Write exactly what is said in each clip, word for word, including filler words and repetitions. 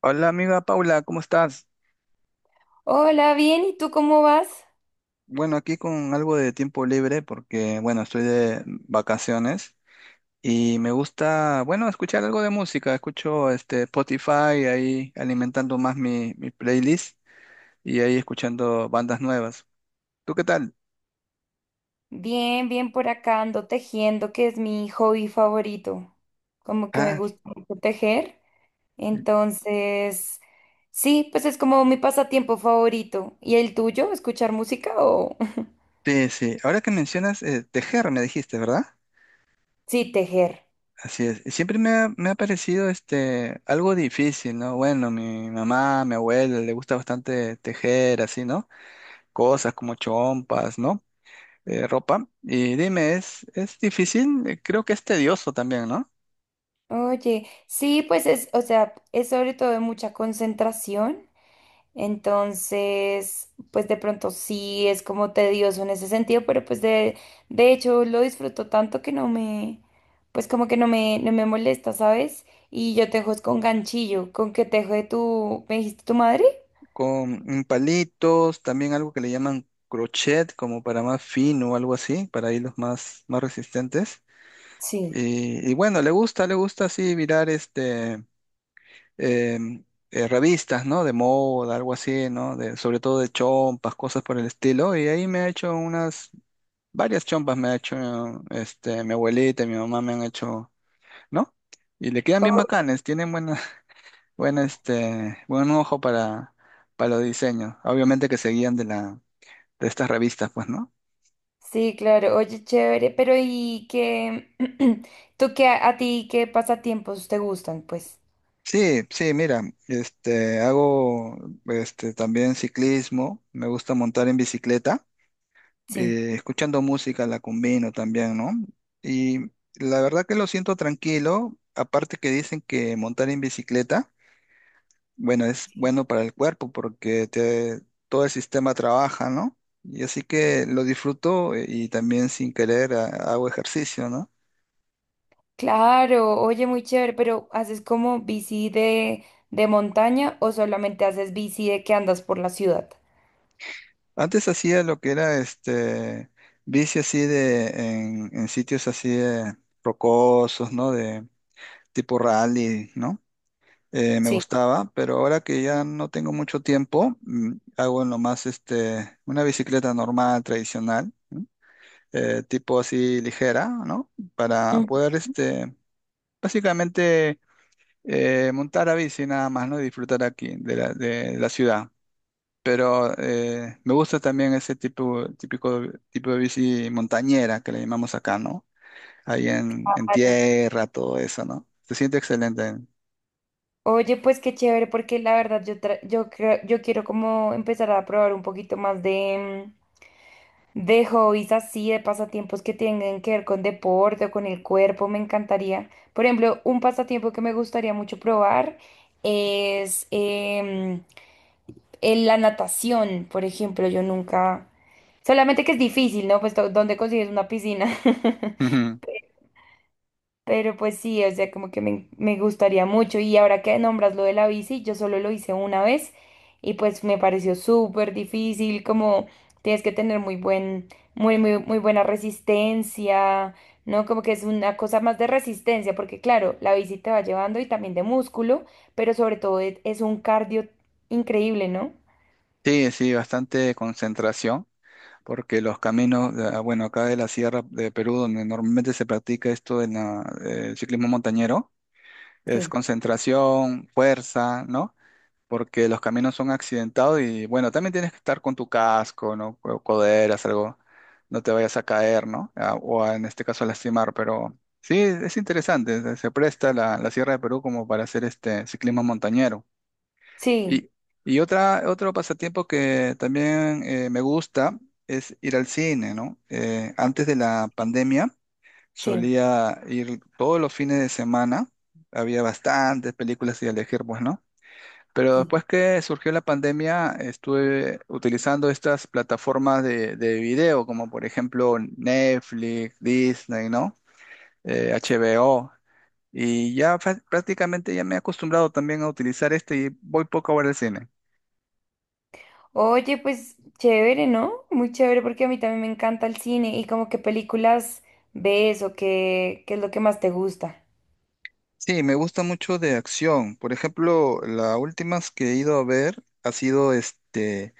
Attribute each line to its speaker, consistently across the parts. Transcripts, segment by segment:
Speaker 1: Hola amiga Paula, ¿cómo estás?
Speaker 2: Hola, bien, ¿y tú cómo vas?
Speaker 1: Bueno, aquí con algo de tiempo libre porque, bueno, estoy de vacaciones y me gusta, bueno, escuchar algo de música. Escucho este Spotify ahí alimentando más mi, mi playlist y ahí escuchando bandas nuevas. ¿Tú qué tal?
Speaker 2: Bien, bien por acá ando tejiendo, que es mi hobby favorito. Como que me
Speaker 1: Ah,
Speaker 2: gusta mucho tejer. Entonces, sí, pues es como mi pasatiempo favorito. ¿Y el tuyo? ¿Escuchar música o...?
Speaker 1: sí, sí. Ahora que mencionas eh, tejer, me dijiste, ¿verdad?
Speaker 2: Sí, tejer.
Speaker 1: Así es. Y siempre me ha, me ha parecido este algo difícil, ¿no? Bueno, mi mamá, mi abuela le gusta bastante tejer, así, ¿no? Cosas como chompas, ¿no? Eh, ropa. Y dime, ¿es, ¿es difícil? Eh, Creo que es tedioso también, ¿no?
Speaker 2: Oye, sí, pues es, o sea, es sobre todo de mucha concentración. Entonces, pues de pronto sí es como tedioso en ese sentido, pero pues de, de hecho lo disfruto tanto que no me, pues como que no me, no me molesta, ¿sabes? Y yo tejo es con ganchillo, con que tejo de tu, ¿me dijiste tu madre?
Speaker 1: Con mm, palitos, también algo que le llaman crochet, como para más fino o algo así, para hilos más, más resistentes.
Speaker 2: Sí.
Speaker 1: Y, y bueno, le gusta, le gusta así mirar este, em, eh, revistas, ¿no? De moda, algo así, ¿no? De, sobre todo de chompas, cosas por el estilo. Y ahí me ha hecho unas, varias chompas me ha hecho, este, mi abuelita y mi mamá me han hecho, ¿no? Y le quedan bien
Speaker 2: Oh,
Speaker 1: bacanes, tienen buena, buena, este, buen ojo para, para los diseños. Obviamente que se guían de la, de estas revistas, pues, ¿no?
Speaker 2: sí, claro, oye, chévere, pero ¿y qué, tú qué, a, a ti qué pasatiempos te gustan, pues?
Speaker 1: Sí, sí, mira, este, hago este, también ciclismo, me gusta montar en bicicleta,
Speaker 2: Sí.
Speaker 1: eh, escuchando música la combino también, ¿no? Y la verdad que lo siento tranquilo, aparte que dicen que montar en bicicleta, bueno, es bueno para el cuerpo porque te, todo el sistema trabaja, ¿no? Y así que lo disfruto, eh, y también sin querer ah, hago ejercicio, ¿no?
Speaker 2: Claro, oye, muy chévere, pero ¿haces como bici de, de montaña o solamente haces bici de que andas por la ciudad?
Speaker 1: Antes hacía lo que era este bici así de en, en sitios así de rocosos, ¿no? De tipo rally, ¿no? Eh, me
Speaker 2: Sí.
Speaker 1: gustaba, pero ahora que ya no tengo mucho tiempo, mm, hago nomás este una bicicleta normal, tradicional, eh, tipo así ligera, ¿no? Para
Speaker 2: Mm,
Speaker 1: poder este básicamente eh, montar a bici nada más, ¿no? Y disfrutar aquí de la, de la ciudad. Pero eh, me gusta también ese tipo, típico, tipo de bici montañera que le llamamos acá, ¿no? Ahí en, en
Speaker 2: claro.
Speaker 1: tierra, todo eso, ¿no? Se siente excelente.
Speaker 2: Oye, pues qué chévere, porque la verdad yo, tra- yo, creo- yo quiero como empezar a probar un poquito más de, mm, de hobbies así, de pasatiempos que tengan que ver con deporte o con el cuerpo, me encantaría. Por ejemplo, un pasatiempo que me gustaría mucho probar es em, en la natación, por ejemplo, yo nunca... Solamente que es difícil, ¿no? Pues, to- ¿dónde consigues una piscina?
Speaker 1: Ujú.
Speaker 2: Pero pues sí, o sea, como que me, me gustaría mucho. Y ahora que nombras lo de la bici, yo solo lo hice una vez y pues me pareció súper difícil, como tienes que tener muy buen, muy, muy, muy buena resistencia, ¿no? Como que es una cosa más de resistencia, porque claro, la bici te va llevando y también de músculo, pero sobre todo es es un cardio increíble, ¿no?
Speaker 1: Sí, sí, bastante concentración, porque los caminos, ah, bueno, acá de la sierra de Perú, donde normalmente se practica esto en la- eh, el ciclismo montañero, es
Speaker 2: Sí.
Speaker 1: concentración, fuerza, ¿no? Porque los caminos son accidentados y bueno, también tienes que estar con tu casco, ¿no? Co- Coderas, algo, no te vayas a caer, ¿no? A- o a- en este caso a lastimar, pero sí, es interesante, se se presta la, la Sierra de Perú como para hacer este ciclismo montañero.
Speaker 2: Sí.
Speaker 1: Y, y otra, otro pasatiempo que también eh, me gusta es ir al cine, ¿no? Eh, antes de la pandemia
Speaker 2: Sí,
Speaker 1: solía ir todos los fines de semana, había bastantes películas y elegir, pues, ¿no? Pero
Speaker 2: sí.
Speaker 1: después que surgió la pandemia, estuve utilizando estas plataformas de, de video, como por ejemplo Netflix, Disney, ¿no? Eh, H B O. Y ya fa- prácticamente ya me he acostumbrado también a utilizar este y voy poco a ver el cine.
Speaker 2: Oye, pues chévere, ¿no? Muy chévere porque a mí también me encanta el cine y como qué películas ves o qué, qué es lo que más te gusta.
Speaker 1: Sí, me gusta mucho de acción. Por ejemplo, la última que he ido a ver ha sido este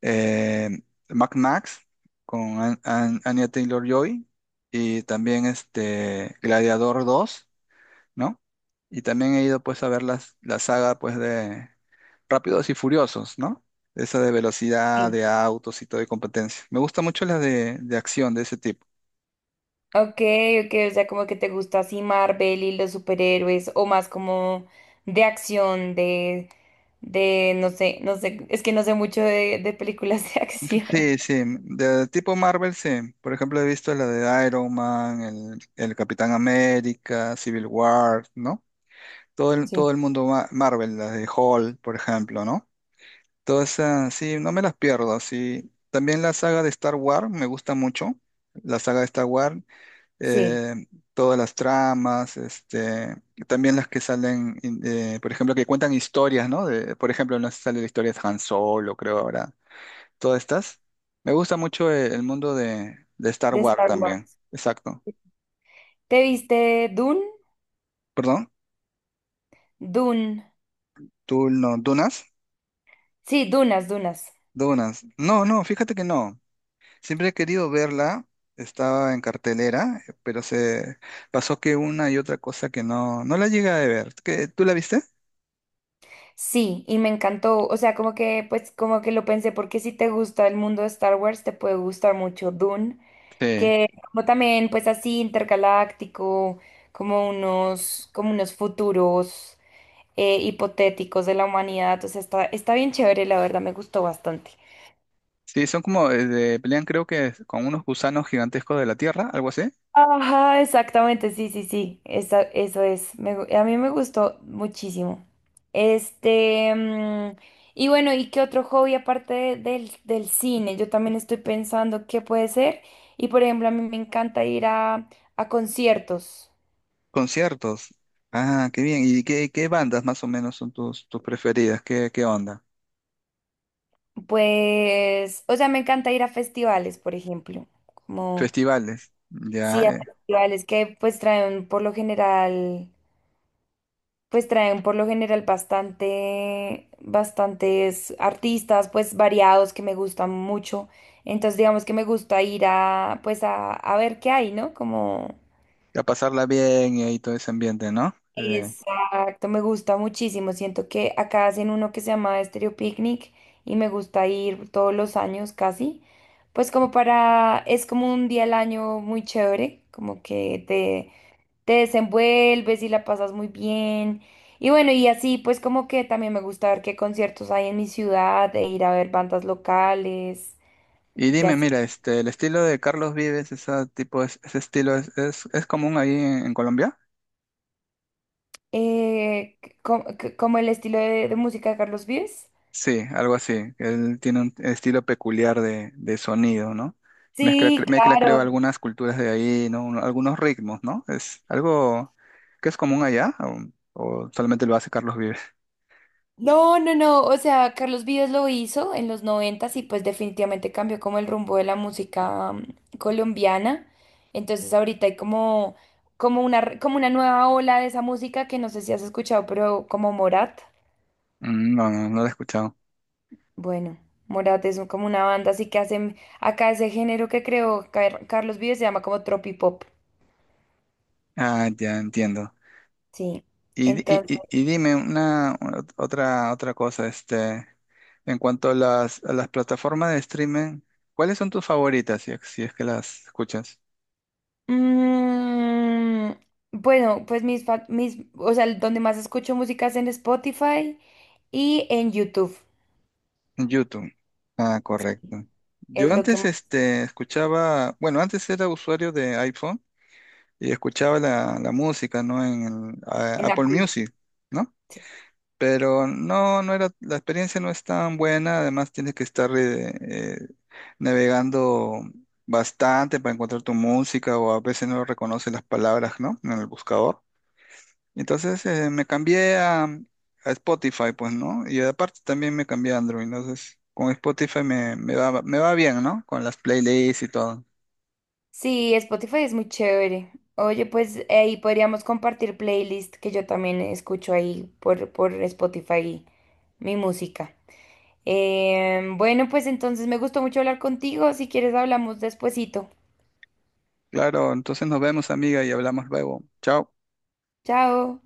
Speaker 1: eh, Mad Max con An- An- Anya Taylor-Joy y también este Gladiador dos, ¿no? Y también he ido pues a ver las, la saga pues de Rápidos y Furiosos, ¿no? Esa de velocidad,
Speaker 2: Sí.
Speaker 1: de autos y todo de competencia. Me gusta mucho las de, de acción de ese tipo.
Speaker 2: Ok, ok, o sea, como que te gusta así Marvel y los superhéroes o más como de acción, de, de, no sé, no sé, es que no sé mucho de, de películas de acción.
Speaker 1: Sí, sí, de tipo Marvel, sí. Por ejemplo, he visto la de Iron Man, el, el Capitán América, Civil War, ¿no? Todo el,
Speaker 2: Sí,
Speaker 1: todo el mundo ma- Marvel, las de Hulk, por ejemplo, ¿no? Todas esas, sí, no me las pierdo, sí. También la saga de Star Wars me gusta mucho, la saga de Star Wars.
Speaker 2: sí,
Speaker 1: eh, Todas las tramas, este, también las que salen, in- eh, por ejemplo, que cuentan historias, ¿no? De, por ejemplo, no sé si sale la historia de Han Solo, creo ahora, todas estas. Me gusta mucho eh, el mundo de, de Star
Speaker 2: de
Speaker 1: Wars
Speaker 2: Star
Speaker 1: también,
Speaker 2: Wars.
Speaker 1: exacto.
Speaker 2: ¿Te viste Dune?
Speaker 1: Perdón,
Speaker 2: Dune.
Speaker 1: tú no, Dunas,
Speaker 2: Sí, Dunas, Dunas.
Speaker 1: Dunas. No, no, fíjate que no. Siempre he querido verla, estaba en cartelera, pero se pasó que una y otra cosa que no, no la llegué a ver. ¿Qué- ¿Tú la viste?
Speaker 2: Sí, y me encantó, o sea, como que, pues, como que lo pensé, porque si te gusta el mundo de Star Wars, te puede gustar mucho Dune,
Speaker 1: Sí.
Speaker 2: que como también, pues, así intergaláctico, como unos, como unos futuros eh, hipotéticos de la humanidad, o sea, está, está bien chévere, la verdad, me gustó bastante.
Speaker 1: Sí, son como, eh, de- pelean creo que es con unos gusanos gigantescos de la Tierra, algo así.
Speaker 2: Ajá, exactamente, sí, sí, sí, esa- eso es. Me gu- a mí me gustó muchísimo. Este, mm, y bueno, ¿y qué otro hobby aparte de- del, del cine? Yo también estoy pensando qué puede ser. Y por ejemplo, a mí me encanta ir a, a conciertos.
Speaker 1: Conciertos. Ah, qué bien. ¿Y qué, qué bandas más o menos son tus, tus preferidas? ¿Qué, qué onda?
Speaker 2: Pues, o sea, me encanta ir a festivales, por ejemplo. Como,
Speaker 1: Festivales. Ya,
Speaker 2: sí, a
Speaker 1: eh,
Speaker 2: festivales que pues traen por lo general. Pues traen por lo general bastante, bastantes artistas, pues variados que me gustan mucho. Entonces, digamos que me gusta ir a, pues a, a ver qué hay, ¿no? Como,
Speaker 1: a pasarla bien y ahí todo ese ambiente, ¿no? Eh,
Speaker 2: exacto, me gusta muchísimo. Siento que acá hacen uno que se llama Estéreo Picnic y me gusta ir todos los años casi. Pues como para, es como un día al año muy chévere, como que te te desenvuelves y la pasas muy bien. Y bueno, y así pues como que también me gusta ver qué conciertos hay en mi ciudad e ir a ver bandas locales,
Speaker 1: y
Speaker 2: ya
Speaker 1: dime,
Speaker 2: así.
Speaker 1: mira, este, el estilo de Carlos Vives, ese tipo, es- ese estilo es, es, es común ahí en, en Colombia.
Speaker 2: Eh, c- co- c- como el estilo de, de música de Carlos Vives.
Speaker 1: Sí, algo así. Él tiene un estilo peculiar de, de sonido, ¿no? Mezcla,
Speaker 2: Sí,
Speaker 1: cre- mezcla,
Speaker 2: claro.
Speaker 1: creo, algunas culturas de ahí, ¿no? Un- Algunos ritmos, ¿no? Es algo que es común allá, o, o solamente lo hace Carlos Vives.
Speaker 2: No, no, no. O sea, Carlos Vives lo hizo en los noventas y pues definitivamente cambió como el rumbo de la música mm, colombiana. Entonces ahorita hay como, como una, re- como una nueva ola de esa música que no sé si has escuchado, pero como Morat.
Speaker 1: Mm, no, no, no lo he escuchado.
Speaker 2: Bueno, Morat es un- como una banda, así que hacen acá ese género que creó Car- Carlos Vives se llama como tropipop.
Speaker 1: Ah, ya entiendo.
Speaker 2: Sí.
Speaker 1: Y, di- y,
Speaker 2: Entonces,
Speaker 1: y- y dime una ot- otra, otra cosa, este, en cuanto a las, a las plataformas de streaming, ¿cuáles son tus favoritas, si, es- si es que las escuchas?
Speaker 2: mm, bueno, pues mis, fa- mis, o sea, donde más escucho música es en Spotify y en YouTube.
Speaker 1: YouTube. Ah, correcto. Yo
Speaker 2: Es lo que
Speaker 1: antes
Speaker 2: más-
Speaker 1: este, escuchaba, bueno, antes era usuario de iPhone y escuchaba la, la música, ¿no? En el, a-
Speaker 2: en
Speaker 1: Apple
Speaker 2: Apple.
Speaker 1: Music, ¿no?
Speaker 2: Sí,
Speaker 1: Pero no, no era, la experiencia no es tan buena, además tienes que estar eh, eh, navegando bastante para encontrar tu música o a veces no reconoce las palabras, ¿no? En el buscador. Entonces eh, me cambié a, a Spotify, pues, ¿no? Y aparte también me cambié a Android. Entonces, con Spotify me, me va, me va bien, ¿no? Con las playlists y todo.
Speaker 2: sí, Spotify es muy chévere. Oye, pues ahí podríamos compartir playlist que yo también escucho ahí por, por Spotify mi música. Em, bueno, pues entonces me gustó mucho hablar contigo. Si quieres, hablamos despuesito.
Speaker 1: Claro, entonces nos vemos, amiga, y hablamos luego. Chao.
Speaker 2: Chao.